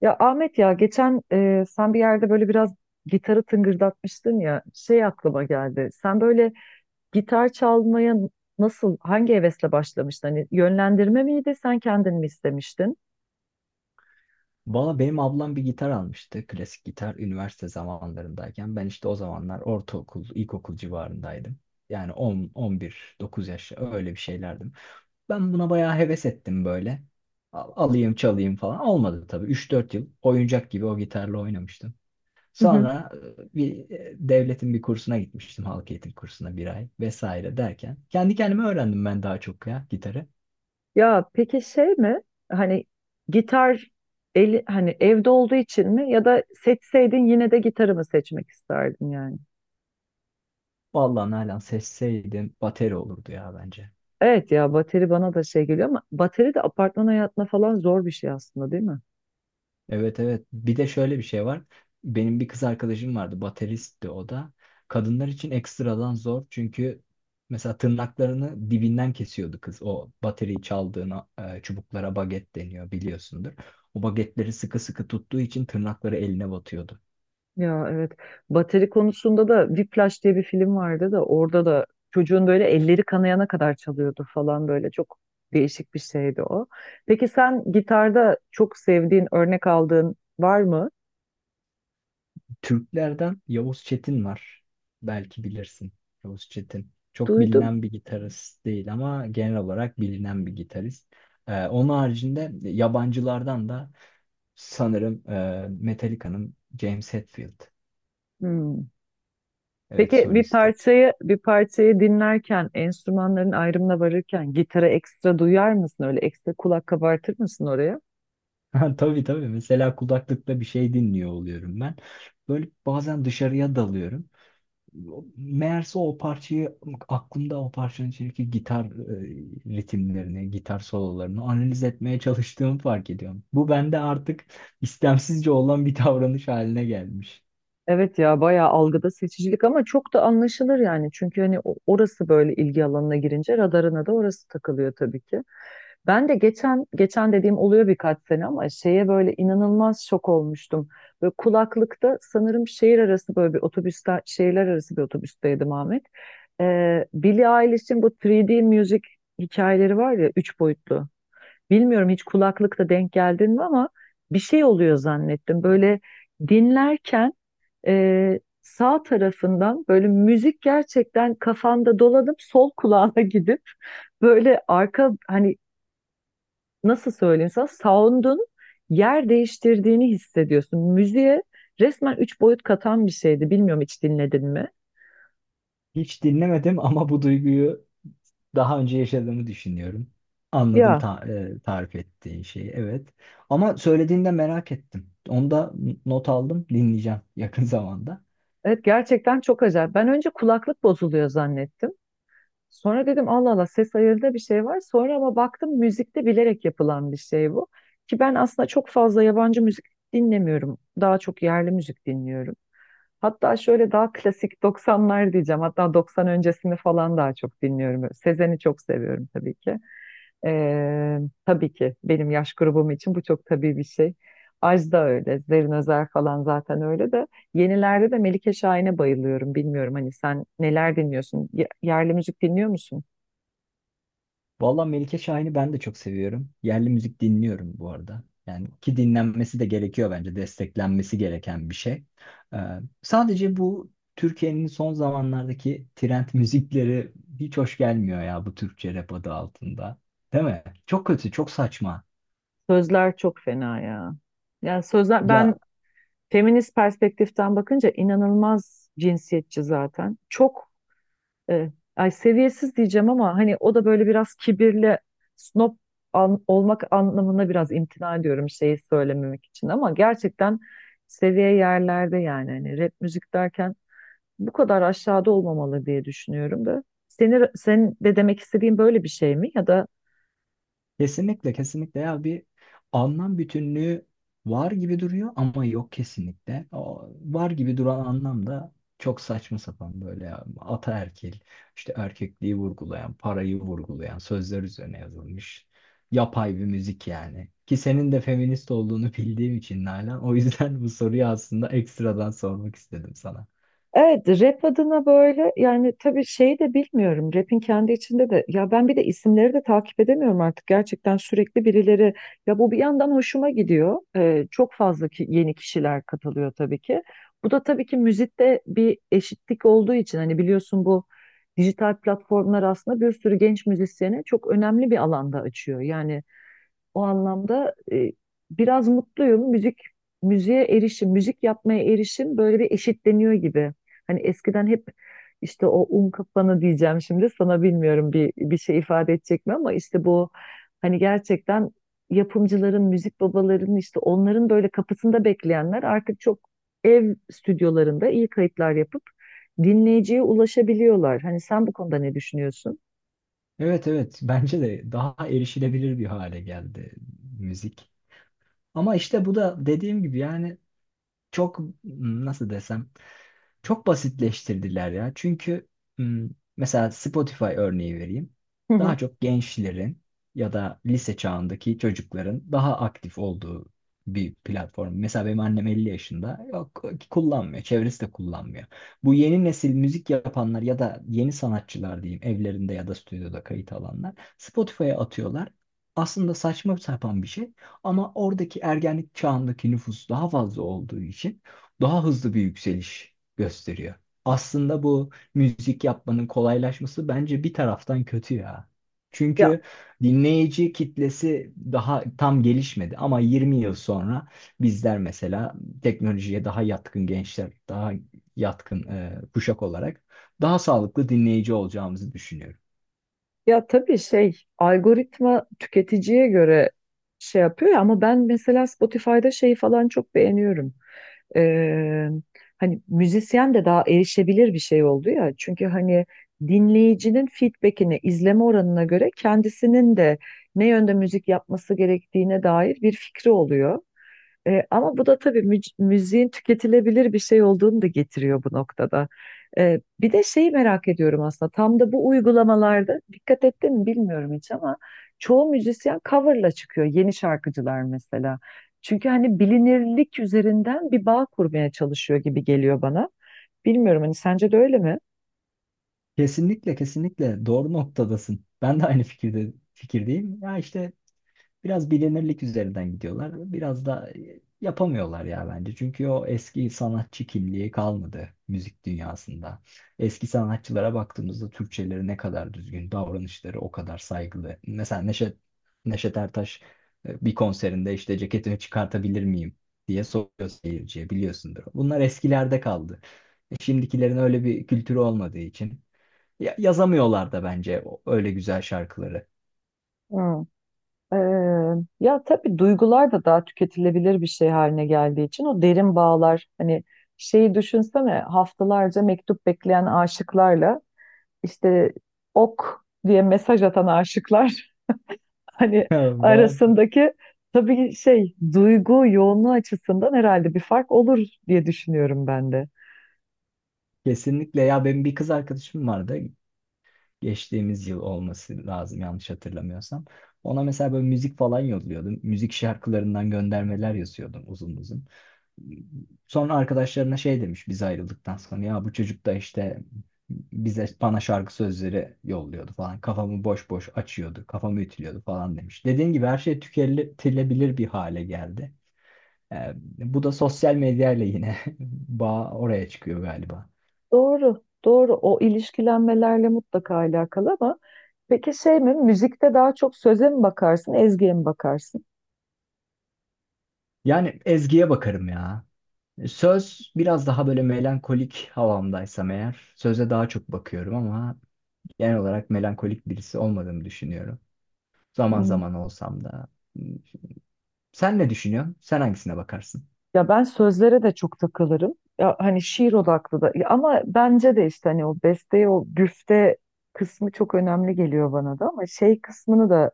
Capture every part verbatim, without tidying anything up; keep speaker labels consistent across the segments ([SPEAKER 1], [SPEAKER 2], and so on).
[SPEAKER 1] Ya Ahmet ya geçen e, sen bir yerde böyle biraz gitarı tıngırdatmıştın ya şey aklıma geldi. Sen böyle gitar çalmaya nasıl hangi hevesle başlamıştın? Hani yönlendirme miydi, sen kendin mi istemiştin?
[SPEAKER 2] Valla benim ablam bir gitar almıştı. Klasik gitar üniversite zamanlarındayken. Ben işte o zamanlar ortaokul, ilkokul civarındaydım. Yani on, on bir, dokuz yaş öyle bir şeylerdim. Ben buna bayağı heves ettim böyle. Al- Alayım çalayım falan. Olmadı tabii. üç dört yıl oyuncak gibi o gitarla oynamıştım.
[SPEAKER 1] Hı hı.
[SPEAKER 2] Sonra e, bir e, devletin bir kursuna gitmiştim. Halk eğitim kursuna bir ay vesaire derken. Kendi kendime öğrendim ben daha çok ya gitarı.
[SPEAKER 1] Ya peki şey mi? Hani gitar eli, hani evde olduğu için mi, ya da seçseydin yine de gitarı mı seçmek isterdin yani?
[SPEAKER 2] Vallahi Nalan seçseydim bateri olurdu ya bence.
[SPEAKER 1] Evet, ya bateri bana da şey geliyor ama bateri de apartman hayatına falan zor bir şey aslında, değil mi?
[SPEAKER 2] Evet, evet. Bir de şöyle bir şey var. Benim bir kız arkadaşım vardı. Bateristti o da. Kadınlar için ekstradan zor. Çünkü mesela tırnaklarını dibinden kesiyordu kız. O bateriyi çaldığına çubuklara baget deniyor biliyorsundur. O bagetleri sıkı sıkı tuttuğu için tırnakları eline batıyordu.
[SPEAKER 1] Ya evet. Bateri konusunda da Whiplash diye bir film vardı da, orada da çocuğun böyle elleri kanayana kadar çalıyordu falan, böyle çok değişik bir şeydi o. Peki sen gitarda çok sevdiğin, örnek aldığın var mı?
[SPEAKER 2] Türklerden Yavuz Çetin var. Belki bilirsin. Yavuz Çetin. Çok
[SPEAKER 1] Duydum.
[SPEAKER 2] bilinen bir gitarist değil ama genel olarak bilinen bir gitarist. Ee, onun haricinde yabancılardan da sanırım e, Metallica'nın James Hetfield.
[SPEAKER 1] Hmm.
[SPEAKER 2] Evet,
[SPEAKER 1] Peki bir
[SPEAKER 2] solisti.
[SPEAKER 1] parçayı bir parçayı dinlerken, enstrümanların ayrımına varırken gitara ekstra duyar mısın? Öyle ekstra kulak kabartır mısın oraya?
[SPEAKER 2] Ha, tabii tabii. Mesela kulaklıkta bir şey dinliyor oluyorum ben. Böyle bazen dışarıya dalıyorum. O- Meğerse o parçayı, aklımda o parçanın içindeki gitar e, ritimlerini, gitar sololarını analiz etmeye çalıştığımı fark ediyorum. Bu bende artık istemsizce olan bir davranış haline gelmiş.
[SPEAKER 1] Evet ya, bayağı algıda seçicilik ama çok da anlaşılır yani. Çünkü hani o- orası böyle ilgi alanına girince radarına da orası takılıyor tabii ki. Ben de geçen geçen dediğim oluyor, birkaç sene ama şeye böyle inanılmaz şok olmuştum. Böyle kulaklıkta, sanırım şehir arası, böyle bir otobüste, şehirler arası bir otobüsteydim Ahmet. Ee, Billie Eilish'in bu üç D müzik hikayeleri var ya, üç boyutlu. Bilmiyorum, hiç kulaklıkta denk geldin mi, ama bir şey oluyor zannettim. Böyle dinlerken ee, sağ tarafından böyle müzik gerçekten kafanda dolanıp sol kulağına gidip böyle arka, hani nasıl söyleyeyim sana, sound'un yer değiştirdiğini hissediyorsun. Müziğe resmen üç boyut katan bir şeydi. Bilmiyorum, hiç dinledin mi?
[SPEAKER 2] Hiç dinlemedim ama bu duyguyu daha önce yaşadığımı düşünüyorum. Anladım
[SPEAKER 1] Ya
[SPEAKER 2] ta- e, tarif ettiğin şeyi. Evet. Ama söylediğinde merak ettim. Onu da not aldım. Dinleyeceğim yakın zamanda.
[SPEAKER 1] evet, gerçekten çok acayip. Ben önce kulaklık bozuluyor zannettim. Sonra dedim Allah Allah, ses ayarında bir şey var. Sonra ama baktım, müzikte bilerek yapılan bir şey bu. Ki ben aslında çok fazla yabancı müzik dinlemiyorum. Daha çok yerli müzik dinliyorum. Hatta şöyle daha klasik doksanlar diyeceğim. Hatta doksan öncesini falan daha çok dinliyorum. Sezen'i çok seviyorum tabii ki. Ee, tabii ki benim yaş grubum için bu çok tabii bir şey. Ajda öyle, Zerrin Özer falan zaten öyle de. Yenilerde de Melike Şahin'e bayılıyorum. Bilmiyorum, hani sen neler dinliyorsun? Ye- Yerli müzik dinliyor musun?
[SPEAKER 2] Vallahi Melike Şahin'i ben de çok seviyorum. Yerli müzik dinliyorum bu arada. Yani ki dinlenmesi de gerekiyor bence. Desteklenmesi gereken bir şey. Ee, sadece bu Türkiye'nin son zamanlardaki trend müzikleri hiç hoş gelmiyor ya bu Türkçe rap adı altında. Değil mi? Çok kötü, çok saçma.
[SPEAKER 1] Sözler çok fena ya. Yani sözler, ben
[SPEAKER 2] Ya,
[SPEAKER 1] feminist perspektiften bakınca inanılmaz cinsiyetçi zaten. Çok e, ay seviyesiz diyeceğim ama hani o da böyle biraz kibirli, snob an- olmak anlamında biraz imtina ediyorum şeyi söylememek için, ama gerçekten seviye yerlerde yani, hani rap müzik derken bu kadar aşağıda olmamalı diye düşünüyorum da. Seni, sen de demek istediğin böyle bir şey mi, ya da
[SPEAKER 2] Kesinlikle kesinlikle. Ya bir anlam bütünlüğü var gibi duruyor ama yok kesinlikle. O var gibi duran anlam da çok saçma sapan böyle ya. Ataerkil, işte erkekliği vurgulayan, parayı vurgulayan sözler üzerine yazılmış yapay bir müzik yani. Ki senin de feminist olduğunu bildiğim için Nalan o yüzden bu soruyu aslında ekstradan sormak istedim sana.
[SPEAKER 1] evet, rap adına böyle yani, tabii şeyi de bilmiyorum. Rap'in kendi içinde de, ya ben bir de isimleri de takip edemiyorum artık. Gerçekten sürekli birileri, ya bu bir yandan hoşuma gidiyor. Ee, çok fazla ki, yeni kişiler katılıyor tabii ki. Bu da tabii ki müzikte bir eşitlik olduğu için, hani biliyorsun, bu dijital platformlar aslında bir sürü genç müzisyene çok önemli bir alanda açıyor. Yani o anlamda e, biraz mutluyum. Müzik, müziğe erişim, müzik yapmaya erişim böyle bir eşitleniyor gibi. Hani eskiden hep işte o un kafanı diyeceğim şimdi sana, bilmiyorum bir bir şey ifade edecek mi, ama işte bu, hani gerçekten yapımcıların, müzik babalarının, işte onların böyle kapısında bekleyenler artık çok ev stüdyolarında iyi kayıtlar yapıp dinleyiciye ulaşabiliyorlar. Hani sen bu konuda ne düşünüyorsun?
[SPEAKER 2] Evet, evet, bence de daha erişilebilir bir hale geldi müzik. Ama işte bu da dediğim gibi yani çok, nasıl desem, çok basitleştirdiler ya. Çünkü m, mesela Spotify örneği vereyim.
[SPEAKER 1] Hı hı.
[SPEAKER 2] Daha çok gençlerin ya da lise çağındaki çocukların daha aktif olduğu bir platform. Mesela benim annem elli yaşında. Yok, kullanmıyor. Çevresi de kullanmıyor. Bu yeni nesil müzik yapanlar ya da yeni sanatçılar diyeyim evlerinde ya da stüdyoda kayıt alanlar Spotify'a atıyorlar. Aslında saçma sapan bir şey ama oradaki ergenlik çağındaki nüfus daha fazla olduğu için daha hızlı bir yükseliş gösteriyor. Aslında bu müzik yapmanın kolaylaşması bence bir taraftan kötü ya. Çünkü dinleyici kitlesi daha tam gelişmedi ama yirmi yıl sonra bizler mesela teknolojiye daha yatkın gençler, daha yatkın e, kuşak olarak daha sağlıklı dinleyici olacağımızı düşünüyorum.
[SPEAKER 1] Ya tabii şey, algoritma tüketiciye göre şey yapıyor ya, ama ben mesela Spotify'da şeyi falan çok beğeniyorum. Ee, hani müzisyen de daha erişebilir bir şey oldu ya. Çünkü hani dinleyicinin feedbackine, izleme oranına göre kendisinin de ne yönde müzik yapması gerektiğine dair bir fikri oluyor. E, ama bu da tabii müc- müziğin tüketilebilir bir şey olduğunu da getiriyor bu noktada. E, bir de şeyi merak ediyorum aslında, tam da bu uygulamalarda dikkat ettin mi bilmiyorum hiç, ama çoğu müzisyen coverla çıkıyor yeni şarkıcılar mesela. Çünkü hani bilinirlik üzerinden bir bağ kurmaya çalışıyor gibi geliyor bana. Bilmiyorum, hani sence de öyle mi?
[SPEAKER 2] Kesinlikle, kesinlikle doğru noktadasın. Ben de aynı fikirde fikirdeyim. Ya işte biraz bilinirlik üzerinden gidiyorlar. Biraz da e, yapamıyorlar ya bence. Çünkü o eski sanatçı kimliği kalmadı müzik dünyasında. Eski sanatçılara baktığımızda Türkçeleri ne kadar düzgün, davranışları o kadar saygılı. Mesela Neşet, Neşet Ertaş e, bir konserinde işte ceketimi çıkartabilir miyim diye soruyor seyirciye, biliyorsundur. Bunlar eskilerde kaldı. E, Şimdikilerin öyle bir kültürü olmadığı için ya- yazamıyorlar da bence o- öyle güzel şarkıları.
[SPEAKER 1] Ee, ya tabii duygular da daha tüketilebilir bir şey haline geldiği için o derin bağlar, hani şeyi düşünsene, haftalarca mektup bekleyen aşıklarla işte ok diye mesaj atan aşıklar hani arasındaki, tabii şey, duygu yoğunluğu açısından herhalde bir fark olur diye düşünüyorum ben de.
[SPEAKER 2] Kesinlikle ya, benim bir kız arkadaşım vardı, geçtiğimiz yıl olması lazım yanlış hatırlamıyorsam. Ona mesela böyle müzik falan yolluyordum. Müzik şarkılarından göndermeler yazıyordum uzun uzun. Sonra arkadaşlarına şey demiş biz ayrıldıktan sonra: ya bu çocuk da işte bize bana şarkı sözleri yolluyordu falan. Kafamı boş boş açıyordu, kafamı ütülüyordu falan demiş. Dediğin gibi her şey tüketilebilir bir hale geldi. Ee, bu da sosyal medyayla yine bağ oraya çıkıyor galiba.
[SPEAKER 1] Doğru, doğru. O ilişkilenmelerle mutlaka alakalı ama peki şey mi? Müzikte daha çok söze mi bakarsın, ezgiye mi bakarsın?
[SPEAKER 2] Yani ezgiye bakarım ya. Söz, biraz daha böyle melankolik havamdaysam eğer söze daha çok bakıyorum ama genel olarak melankolik birisi olmadığımı düşünüyorum. Zaman
[SPEAKER 1] Hı.
[SPEAKER 2] zaman olsam da. Sen ne düşünüyorsun? Sen hangisine bakarsın?
[SPEAKER 1] Ya ben sözlere de çok takılırım. Ya hani şiir odaklı da. Ya ama bence de işte hani o besteye, o güfte kısmı çok önemli geliyor bana da. Ama şey kısmını da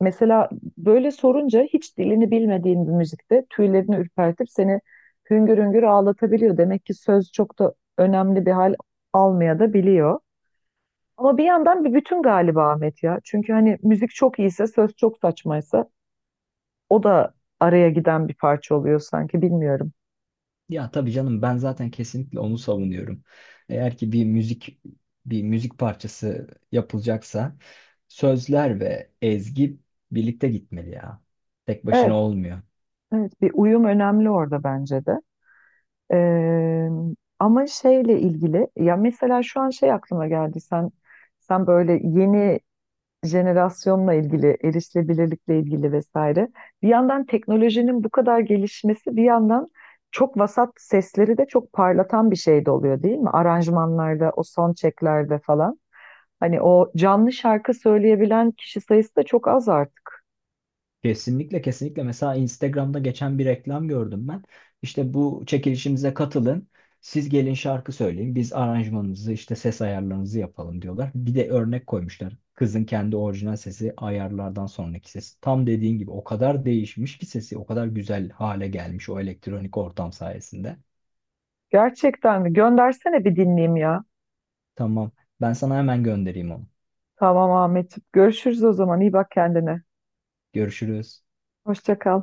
[SPEAKER 1] mesela böyle sorunca, hiç dilini bilmediğin bir müzikte tüylerini ürpertip seni hüngür hüngür ağlatabiliyor. Demek ki söz çok da önemli bir hal almaya da biliyor. Ama bir yandan bir bütün galiba Ahmet ya. Çünkü hani müzik çok iyiyse, söz çok saçmaysa o da araya giden bir parça oluyor sanki, bilmiyorum.
[SPEAKER 2] Ya tabii canım, ben zaten kesinlikle onu savunuyorum. Eğer ki bir müzik, bir müzik parçası yapılacaksa sözler ve ezgi birlikte gitmeli ya. Tek başına
[SPEAKER 1] Evet,
[SPEAKER 2] olmuyor.
[SPEAKER 1] evet, bir uyum önemli orada bence de. Ee, ama şeyle ilgili, ya mesela şu an şey aklıma geldi, sen sen böyle yeni jenerasyonla ilgili, erişilebilirlikle ilgili, vesaire, bir yandan teknolojinin bu kadar gelişmesi, bir yandan çok vasat sesleri de çok parlatan bir şey de oluyor, değil mi? Aranjmanlarda, o son çeklerde falan, hani o canlı şarkı söyleyebilen kişi sayısı da çok az artık.
[SPEAKER 2] Kesinlikle, kesinlikle, mesela Instagram'da geçen bir reklam gördüm ben. İşte bu çekilişimize katılın. Siz gelin şarkı söyleyin. Biz aranjmanınızı işte ses ayarlarınızı yapalım diyorlar. Bir de örnek koymuşlar. Kızın kendi orijinal sesi, ayarlardan sonraki sesi. Tam dediğin gibi o kadar değişmiş ki sesi, o kadar güzel hale gelmiş o elektronik ortam sayesinde.
[SPEAKER 1] Gerçekten mi? Göndersene bir dinleyeyim ya.
[SPEAKER 2] Tamam. Ben sana hemen göndereyim onu.
[SPEAKER 1] Tamam Ahmetciğim. Görüşürüz o zaman. İyi bak kendine.
[SPEAKER 2] Görüşürüz.
[SPEAKER 1] Hoşça kal.